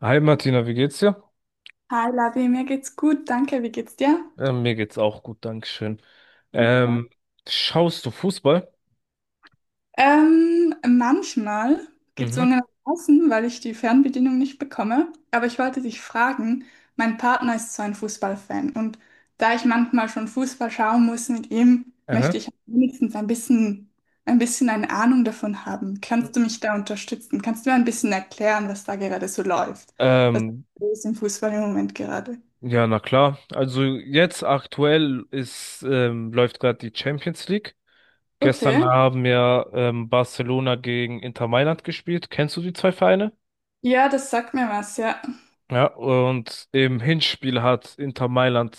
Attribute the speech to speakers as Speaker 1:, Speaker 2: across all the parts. Speaker 1: Hi Martina, wie geht's dir?
Speaker 2: Hi Lavi, mir geht's gut, danke. Wie geht's dir?
Speaker 1: Mir geht's auch gut, Dankeschön.
Speaker 2: Super.
Speaker 1: Ähm, Schaust du Fußball?
Speaker 2: Manchmal
Speaker 1: Mhm.
Speaker 2: gezwungenermaßen, weil ich die Fernbedienung nicht bekomme. Aber ich wollte dich fragen, mein Partner ist so ein Fußballfan und da ich manchmal schon Fußball schauen muss mit ihm, möchte
Speaker 1: Aha.
Speaker 2: ich wenigstens ein bisschen eine Ahnung davon haben. Kannst du mich da unterstützen? Kannst du mir ein bisschen erklären, was da gerade so läuft? Was
Speaker 1: Ähm,
Speaker 2: ist im Fußball im Moment gerade?
Speaker 1: ja, na klar. Also jetzt aktuell ist läuft gerade die Champions League. Gestern
Speaker 2: Okay.
Speaker 1: haben ja Barcelona gegen Inter Mailand gespielt. Kennst du die zwei Vereine?
Speaker 2: Ja, das sagt mir was, ja.
Speaker 1: Ja, und im Hinspiel hat Inter Mailand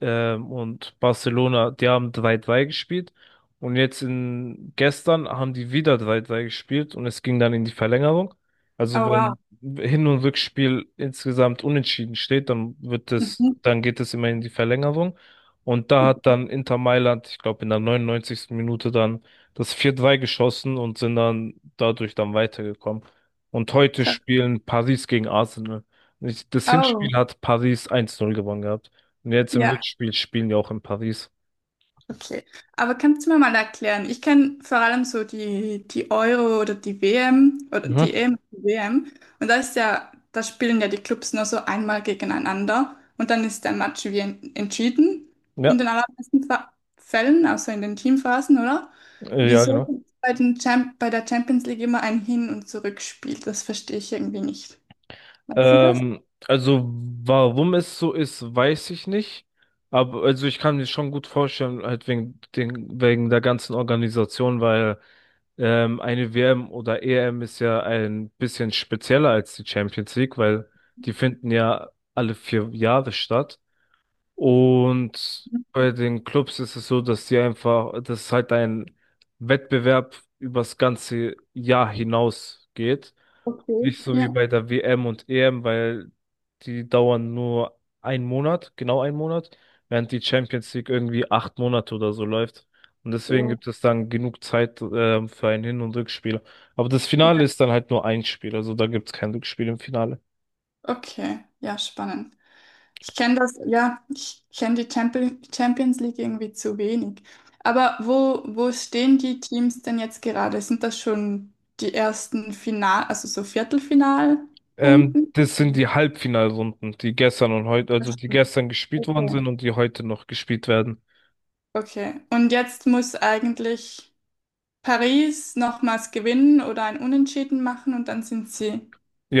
Speaker 1: und Barcelona, die haben drei 3 gespielt. Und jetzt in gestern haben die wieder drei 3 gespielt und es ging dann in die Verlängerung. Also
Speaker 2: Oh wow.
Speaker 1: wenn Hin- und Rückspiel insgesamt unentschieden steht, dann wird es,
Speaker 2: Mhm.
Speaker 1: dann geht es immer in die Verlängerung. Und da hat dann Inter Mailand, ich glaube, in der 99. Minute dann das vier 3 geschossen und sind dann dadurch dann weitergekommen. Und heute
Speaker 2: Ka-
Speaker 1: spielen Paris gegen Arsenal. Das
Speaker 2: Oh,
Speaker 1: Hinspiel hat Paris 1:0 gewonnen gehabt. Und jetzt im
Speaker 2: ja,
Speaker 1: Rückspiel spielen die auch in Paris.
Speaker 2: okay. Aber kannst du mir mal erklären? Ich kenne vor allem so die Euro oder die WM oder die
Speaker 1: Mhm.
Speaker 2: EM, die WM. Und da ist ja, da spielen ja die Clubs nur so einmal gegeneinander und dann ist der Match entschieden in
Speaker 1: Ja,
Speaker 2: den allermeisten Fällen, außer in den Teamphasen, oder?
Speaker 1: ja,
Speaker 2: Wieso
Speaker 1: genau.
Speaker 2: gibt's bei der Champions League immer ein Hin- und Zurückspiel? Das verstehe ich irgendwie nicht. Weißt du das?
Speaker 1: Ähm, also warum es so ist, weiß ich nicht. Aber also ich kann mir schon gut vorstellen, halt wegen den, wegen der ganzen Organisation, weil eine WM oder EM ist ja ein bisschen spezieller als die Champions League, weil die finden ja alle 4 Jahre statt. Und bei den Clubs ist es so, dass die einfach, dass halt ein Wettbewerb übers ganze Jahr hinaus geht.
Speaker 2: Okay.
Speaker 1: Nicht so wie
Speaker 2: Ja.
Speaker 1: bei der WM und EM, weil die dauern nur einen Monat, genau einen Monat, während die Champions League irgendwie 8 Monate oder so läuft. Und deswegen
Speaker 2: So.
Speaker 1: gibt es dann genug Zeit, für ein Hin- und Rückspiel. Aber das Finale ist dann halt nur ein Spiel, also da gibt es kein Rückspiel im Finale.
Speaker 2: Okay, ja, spannend. Ich kenne das, ja, ich kenne die Champions League irgendwie zu wenig. Aber wo stehen die Teams denn jetzt gerade? Sind das schon die ersten Final, also so Viertelfinalrunden?
Speaker 1: Das sind die Halbfinalrunden, die gestern und heute,
Speaker 2: Das
Speaker 1: also die
Speaker 2: schon.
Speaker 1: gestern gespielt worden
Speaker 2: Okay.
Speaker 1: sind und die heute noch gespielt werden.
Speaker 2: Okay. Und jetzt muss eigentlich Paris nochmals gewinnen oder ein Unentschieden machen und dann sind sie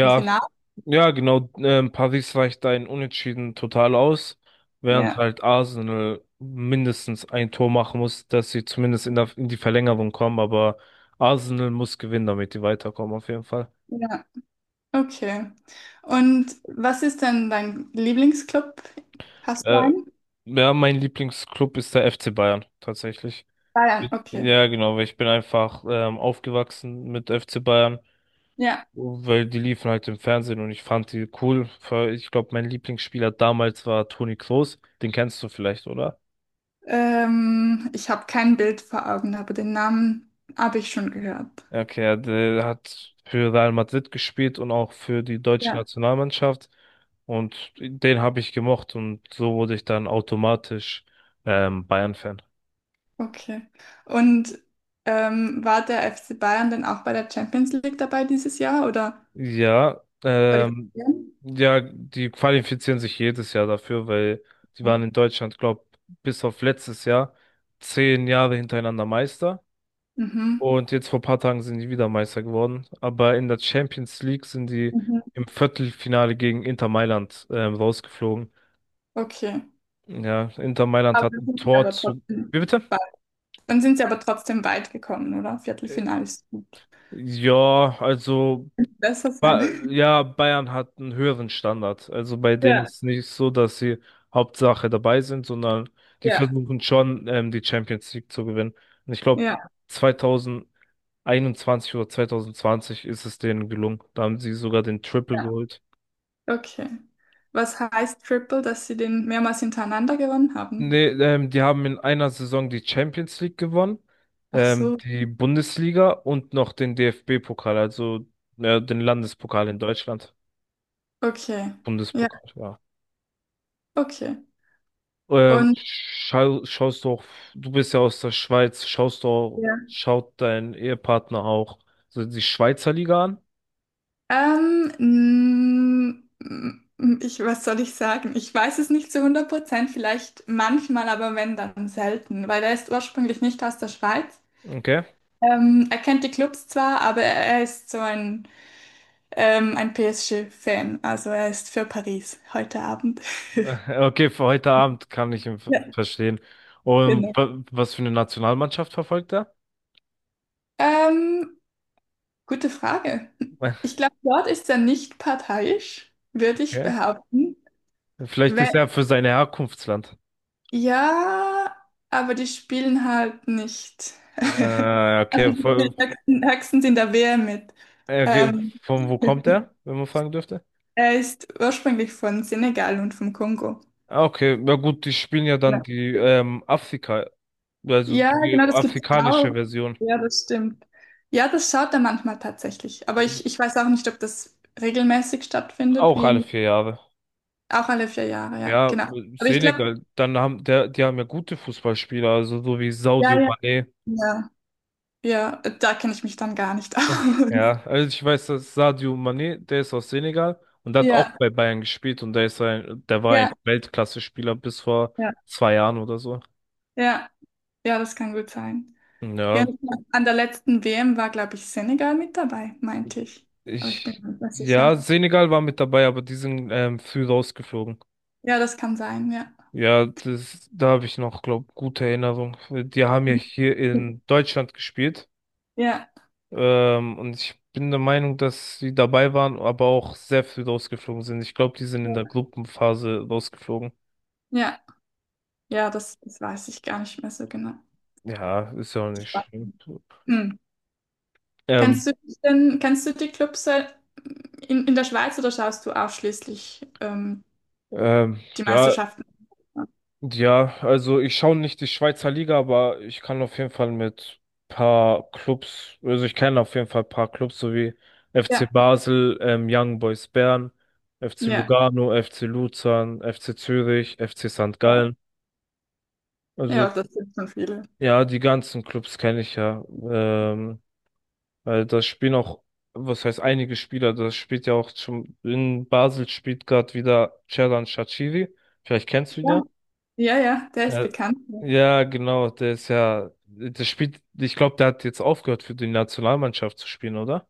Speaker 2: im Finale.
Speaker 1: ja, genau. Paris reicht ein Unentschieden total aus, während
Speaker 2: Ja,
Speaker 1: halt Arsenal mindestens ein Tor machen muss, dass sie zumindest in die Verlängerung kommen. Aber Arsenal muss gewinnen, damit die weiterkommen, auf jeden Fall.
Speaker 2: ja, okay. Und was ist denn dein Lieblingsclub? Hast du
Speaker 1: Äh,
Speaker 2: einen?
Speaker 1: ja, mein Lieblingsclub ist der FC Bayern, tatsächlich.
Speaker 2: Bayern, okay.
Speaker 1: Ja, genau, weil ich bin einfach aufgewachsen mit FC Bayern.
Speaker 2: Ja.
Speaker 1: Weil die liefen halt im Fernsehen und ich fand die cool. Ich glaube, mein Lieblingsspieler damals war Toni Kroos. Den kennst du vielleicht, oder?
Speaker 2: Ich habe kein Bild vor Augen, aber den Namen habe ich schon gehört.
Speaker 1: Ja, okay, ja, der hat für Real Madrid gespielt und auch für die deutsche
Speaker 2: Ja.
Speaker 1: Nationalmannschaft. Und den habe ich gemocht und so wurde ich dann automatisch Bayern-Fan.
Speaker 2: Okay. Und war der FC Bayern denn auch bei der Champions League dabei dieses Jahr oder
Speaker 1: Ja,
Speaker 2: qualifizieren?
Speaker 1: ja, die qualifizieren sich jedes Jahr dafür, weil die
Speaker 2: Ja.
Speaker 1: waren in Deutschland, glaube bis auf letztes Jahr 10 Jahre hintereinander Meister.
Speaker 2: Mhm.
Speaker 1: Und jetzt vor ein paar Tagen sind die wieder Meister geworden. Aber in der Champions League sind die
Speaker 2: Mhm.
Speaker 1: im Viertelfinale gegen Inter Mailand rausgeflogen.
Speaker 2: Okay.
Speaker 1: Ja, Inter Mailand
Speaker 2: Aber
Speaker 1: hat
Speaker 2: dann
Speaker 1: ein
Speaker 2: sind sie
Speaker 1: Tor
Speaker 2: aber
Speaker 1: zu.
Speaker 2: trotzdem
Speaker 1: Wie bitte?
Speaker 2: weit. Dann sind sie aber trotzdem weit gekommen, oder?
Speaker 1: Äh,
Speaker 2: Viertelfinale ist gut.
Speaker 1: Ja, also
Speaker 2: Besser sein.
Speaker 1: ba ja, Bayern hat einen höheren Standard. Also bei denen
Speaker 2: Ja,
Speaker 1: ist nicht so, dass sie Hauptsache dabei sind, sondern die
Speaker 2: ja,
Speaker 1: versuchen schon, die Champions League zu gewinnen. Und ich glaube,
Speaker 2: ja,
Speaker 1: 2021 oder 2020 ist es denen gelungen. Da haben sie sogar den Triple
Speaker 2: ja.
Speaker 1: geholt.
Speaker 2: Okay. Was heißt Triple, dass sie den mehrmals hintereinander gewonnen haben?
Speaker 1: Nee, die haben in einer Saison die Champions League gewonnen,
Speaker 2: Ach so,
Speaker 1: die Bundesliga und noch den DFB-Pokal, also ja, den Landespokal in Deutschland.
Speaker 2: okay. Ja.
Speaker 1: Bundespokal, ja.
Speaker 2: Okay. Und
Speaker 1: Schaust du auch, du bist ja aus der Schweiz, schaust du,
Speaker 2: ja.
Speaker 1: schaut dein Ehepartner auch so die Schweizer Liga an?
Speaker 2: ähm, mm, ich, was soll ich sagen? Ich weiß es nicht zu 100%, vielleicht manchmal, aber wenn, dann selten, weil er ist ursprünglich nicht aus der Schweiz.
Speaker 1: Okay.
Speaker 2: Er kennt die Clubs zwar, aber er ist so ein PSG-Fan. Also er ist für Paris heute Abend.
Speaker 1: Okay, für heute Abend kann ich ihn
Speaker 2: Ja,
Speaker 1: verstehen. Und
Speaker 2: genau.
Speaker 1: was für eine Nationalmannschaft verfolgt er?
Speaker 2: Ähm, gute Frage. Ich glaube, dort ist er nicht parteiisch, würde ich
Speaker 1: Okay.
Speaker 2: behaupten.
Speaker 1: Vielleicht ist er für sein Herkunftsland.
Speaker 2: Ja, aber die spielen halt nicht.
Speaker 1: Äh,
Speaker 2: Also
Speaker 1: okay,
Speaker 2: die spielen
Speaker 1: von,
Speaker 2: höchstens in der WM mit.
Speaker 1: okay,
Speaker 2: Ähm,
Speaker 1: von wo kommt er, wenn man fragen dürfte?
Speaker 2: er ist ursprünglich von Senegal und vom Kongo.
Speaker 1: Ah, okay, na gut, die spielen ja dann
Speaker 2: Genau.
Speaker 1: die Afrika, also
Speaker 2: Ja,
Speaker 1: die
Speaker 2: genau, das gibt's
Speaker 1: afrikanische
Speaker 2: auch.
Speaker 1: Version.
Speaker 2: Ja, das stimmt. Ja, das schaut er manchmal tatsächlich. Aber ich weiß auch nicht, ob das regelmäßig stattfindet,
Speaker 1: Auch alle
Speaker 2: wie
Speaker 1: 4 Jahre.
Speaker 2: auch alle 4 Jahre, ja,
Speaker 1: Ja,
Speaker 2: genau. Aber ich glaube,
Speaker 1: Senegal, dann die haben ja gute Fußballspieler, also so wie Sadio
Speaker 2: ja,
Speaker 1: Mané.
Speaker 2: ja, ja, da kenne ich mich dann gar nicht aus.
Speaker 1: Ja, also ich weiß, dass Sadio Mané, der ist aus Senegal und der hat auch
Speaker 2: Ja,
Speaker 1: bei Bayern gespielt und der war
Speaker 2: ja,
Speaker 1: ein Weltklasse-Spieler bis vor
Speaker 2: ja,
Speaker 1: 2 Jahren oder so.
Speaker 2: ja. Ja, das kann gut sein. Ja,
Speaker 1: Ja,
Speaker 2: an der letzten WM war, glaube ich, Senegal mit dabei, meinte ich. Aber ich bin
Speaker 1: Ich,
Speaker 2: mir nicht mehr sicher.
Speaker 1: ja, Senegal war mit dabei, aber die sind früh rausgeflogen.
Speaker 2: Ja, das kann sein, ja.
Speaker 1: Ja, da habe ich noch, glaub, gute Erinnerung. Die haben ja hier in Deutschland gespielt.
Speaker 2: Ja,
Speaker 1: Und ich bin der Meinung, dass sie dabei waren, aber auch sehr früh rausgeflogen sind. Ich glaube, die sind in
Speaker 2: ja,
Speaker 1: der Gruppenphase rausgeflogen.
Speaker 2: ja, ja, das, das weiß ich gar nicht mehr so genau.
Speaker 1: Ja, ist ja auch nicht schlimm.
Speaker 2: Hm.
Speaker 1: Ähm,
Speaker 2: Kennst du die Clubs in der Schweiz oder schaust du ausschließlich
Speaker 1: ähm,
Speaker 2: die
Speaker 1: ja,
Speaker 2: Meisterschaften?
Speaker 1: ja, also ich schaue nicht die Schweizer Liga, aber ich kann auf jeden Fall mit paar Clubs, also ich kenne auf jeden Fall paar Clubs, so wie FC
Speaker 2: Ja,
Speaker 1: Basel, Young Boys Bern, FC
Speaker 2: ja,
Speaker 1: Lugano, FC Luzern, FC Zürich, FC St.
Speaker 2: ja.
Speaker 1: Gallen.
Speaker 2: Ja,
Speaker 1: Also
Speaker 2: das sind schon viele.
Speaker 1: ja, die ganzen Clubs kenne ich ja. Ähm, Weil das spielen auch, was heißt einige Spieler, das spielt ja auch schon, in Basel spielt gerade wieder Xherdan Shaqiri. Vielleicht kennst du ihn
Speaker 2: Ja,
Speaker 1: ja.
Speaker 2: ja, ja, der ist
Speaker 1: Ja,
Speaker 2: bekannt.
Speaker 1: ja, genau, der ist ja, der spielt, ich glaube, der hat jetzt aufgehört für die Nationalmannschaft zu spielen, oder?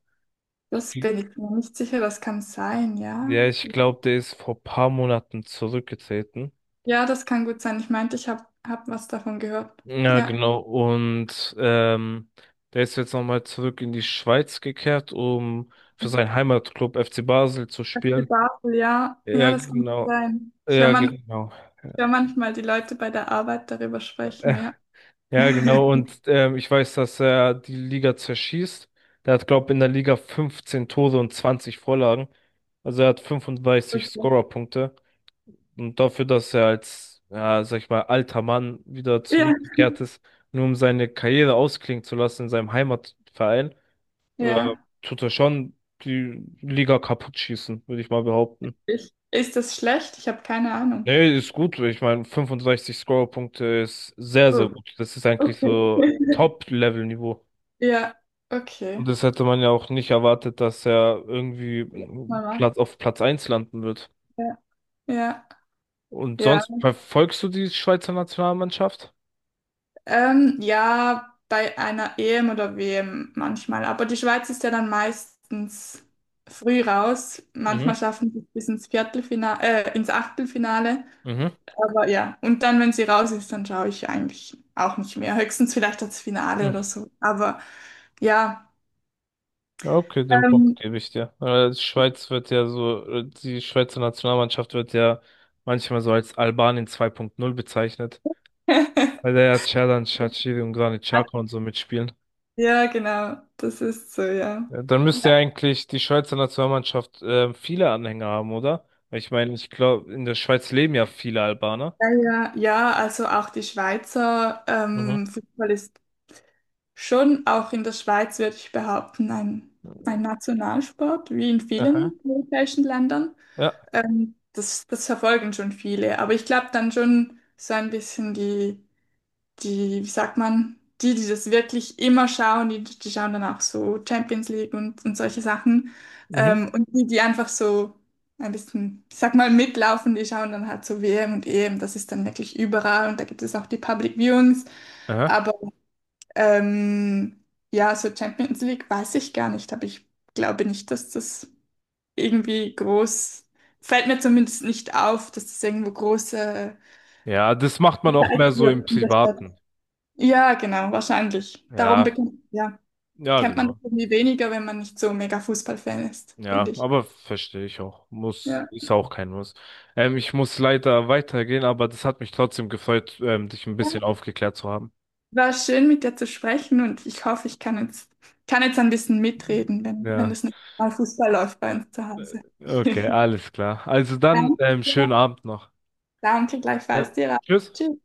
Speaker 2: Das
Speaker 1: Ich-
Speaker 2: bin ich mir nicht sicher, das kann sein, ja.
Speaker 1: Ja, ich glaube, der ist vor paar Monaten zurückgetreten.
Speaker 2: Ja, das kann gut sein. Ich meinte, ich hab was davon gehört.
Speaker 1: Ja,
Speaker 2: Ja,
Speaker 1: genau, und der ist jetzt nochmal zurück in die Schweiz gekehrt, um für seinen Heimatclub FC Basel zu
Speaker 2: FC
Speaker 1: spielen.
Speaker 2: Basel, ja. Ja,
Speaker 1: Ja,
Speaker 2: das kann gut
Speaker 1: genau,
Speaker 2: sein.
Speaker 1: ja, genau.
Speaker 2: Ich hör manchmal die Leute bei der Arbeit darüber sprechen, ja.
Speaker 1: Ja, genau. Und ich weiß, dass er die Liga zerschießt. Der hat, glaube ich, in der Liga 15 Tore und 20 Vorlagen. Also er hat 35
Speaker 2: Okay.
Speaker 1: Scorerpunkte. Und dafür, dass er als, ja, sag ich mal, alter Mann wieder
Speaker 2: Ja,
Speaker 1: zurückgekehrt ist, nur um seine Karriere ausklingen zu lassen in seinem Heimatverein, äh,
Speaker 2: ja.
Speaker 1: tut er schon die Liga kaputt schießen, würde ich mal behaupten.
Speaker 2: Ich, ist das schlecht? Ich habe keine Ahnung.
Speaker 1: Nee, ist gut. Ich meine, 65 Scorerpunkte ist sehr, sehr
Speaker 2: So,
Speaker 1: gut. Das ist eigentlich
Speaker 2: okay.
Speaker 1: so Top-Level-Niveau.
Speaker 2: Ja, okay.
Speaker 1: Und das hätte man ja auch nicht erwartet, dass er irgendwie
Speaker 2: Mama.
Speaker 1: Platz auf Platz eins landen wird.
Speaker 2: Ja, ja,
Speaker 1: Und
Speaker 2: ja.
Speaker 1: sonst verfolgst du die Schweizer Nationalmannschaft?
Speaker 2: Ja, bei einer EM oder WM manchmal. Aber die Schweiz ist ja dann meistens früh raus.
Speaker 1: Mhm,
Speaker 2: Manchmal schaffen sie es bis ins Viertelfinale, ins Achtelfinale.
Speaker 1: mhm.
Speaker 2: Aber ja, und dann, wenn sie raus ist, dann schaue ich eigentlich auch nicht mehr. Höchstens vielleicht das Finale oder
Speaker 1: Mhm.
Speaker 2: so. Aber ja,
Speaker 1: Ja, okay, den Punkt
Speaker 2: ähm,
Speaker 1: gebe ich dir. Die Schweizer Nationalmannschaft wird ja manchmal so als Albanien 2.0 bezeichnet, weil da ja Xherdan Shaqiri und Granit Xhaka und so mitspielen.
Speaker 2: ja, genau, das ist so, ja.
Speaker 1: Ja, dann müsste ja eigentlich die Schweizer Nationalmannschaft viele Anhänger haben, oder? Weil ich meine, ich glaube, in der Schweiz leben ja viele Albaner.
Speaker 2: Ja, also auch die Schweizer
Speaker 1: Mhm.
Speaker 2: Fußball ist schon auch in der Schweiz würde ich behaupten, ein Nationalsport, wie in
Speaker 1: Aha.
Speaker 2: vielen europäischen Ländern.
Speaker 1: Ja.
Speaker 2: Das verfolgen schon viele, aber ich glaube dann schon so ein bisschen wie sagt man, die das wirklich immer schauen, die schauen dann auch so Champions League und solche Sachen.
Speaker 1: Mhm.
Speaker 2: Und die einfach so ein bisschen, ich sag mal, mitlaufen, die schauen dann halt so WM und EM, das ist dann wirklich überall und da gibt es auch die Public Viewings.
Speaker 1: Aha.
Speaker 2: Aber ähm, ja, so Champions League weiß ich gar nicht, aber ich glaube nicht, dass das irgendwie groß, fällt mir zumindest nicht auf, dass das irgendwo große
Speaker 1: Ja, das macht man auch mehr
Speaker 2: gezeigt
Speaker 1: so
Speaker 2: wird
Speaker 1: im
Speaker 2: und
Speaker 1: Privaten.
Speaker 2: ja, genau, wahrscheinlich. Darum
Speaker 1: Ja,
Speaker 2: bekommt, ja,
Speaker 1: ja,
Speaker 2: kennt man das
Speaker 1: genau.
Speaker 2: irgendwie weniger, wenn man nicht so mega Fußballfan ist, finde
Speaker 1: Ja,
Speaker 2: ich.
Speaker 1: aber verstehe ich auch. Muss,
Speaker 2: Ja.
Speaker 1: ist auch kein Muss. Ich muss leider weitergehen, aber das hat mich trotzdem gefreut, dich ein bisschen aufgeklärt zu haben.
Speaker 2: War schön, mit dir zu sprechen und ich hoffe, ich kann jetzt ein bisschen mitreden, wenn, wenn
Speaker 1: Ja.
Speaker 2: das nächste Mal Fußball läuft bei uns zu Hause.
Speaker 1: Okay, alles klar. Also dann, schönen
Speaker 2: Danke.
Speaker 1: Abend noch.
Speaker 2: Danke,
Speaker 1: Ja.
Speaker 2: gleichfalls dir. Auch.
Speaker 1: Tschüss.
Speaker 2: Tschüss.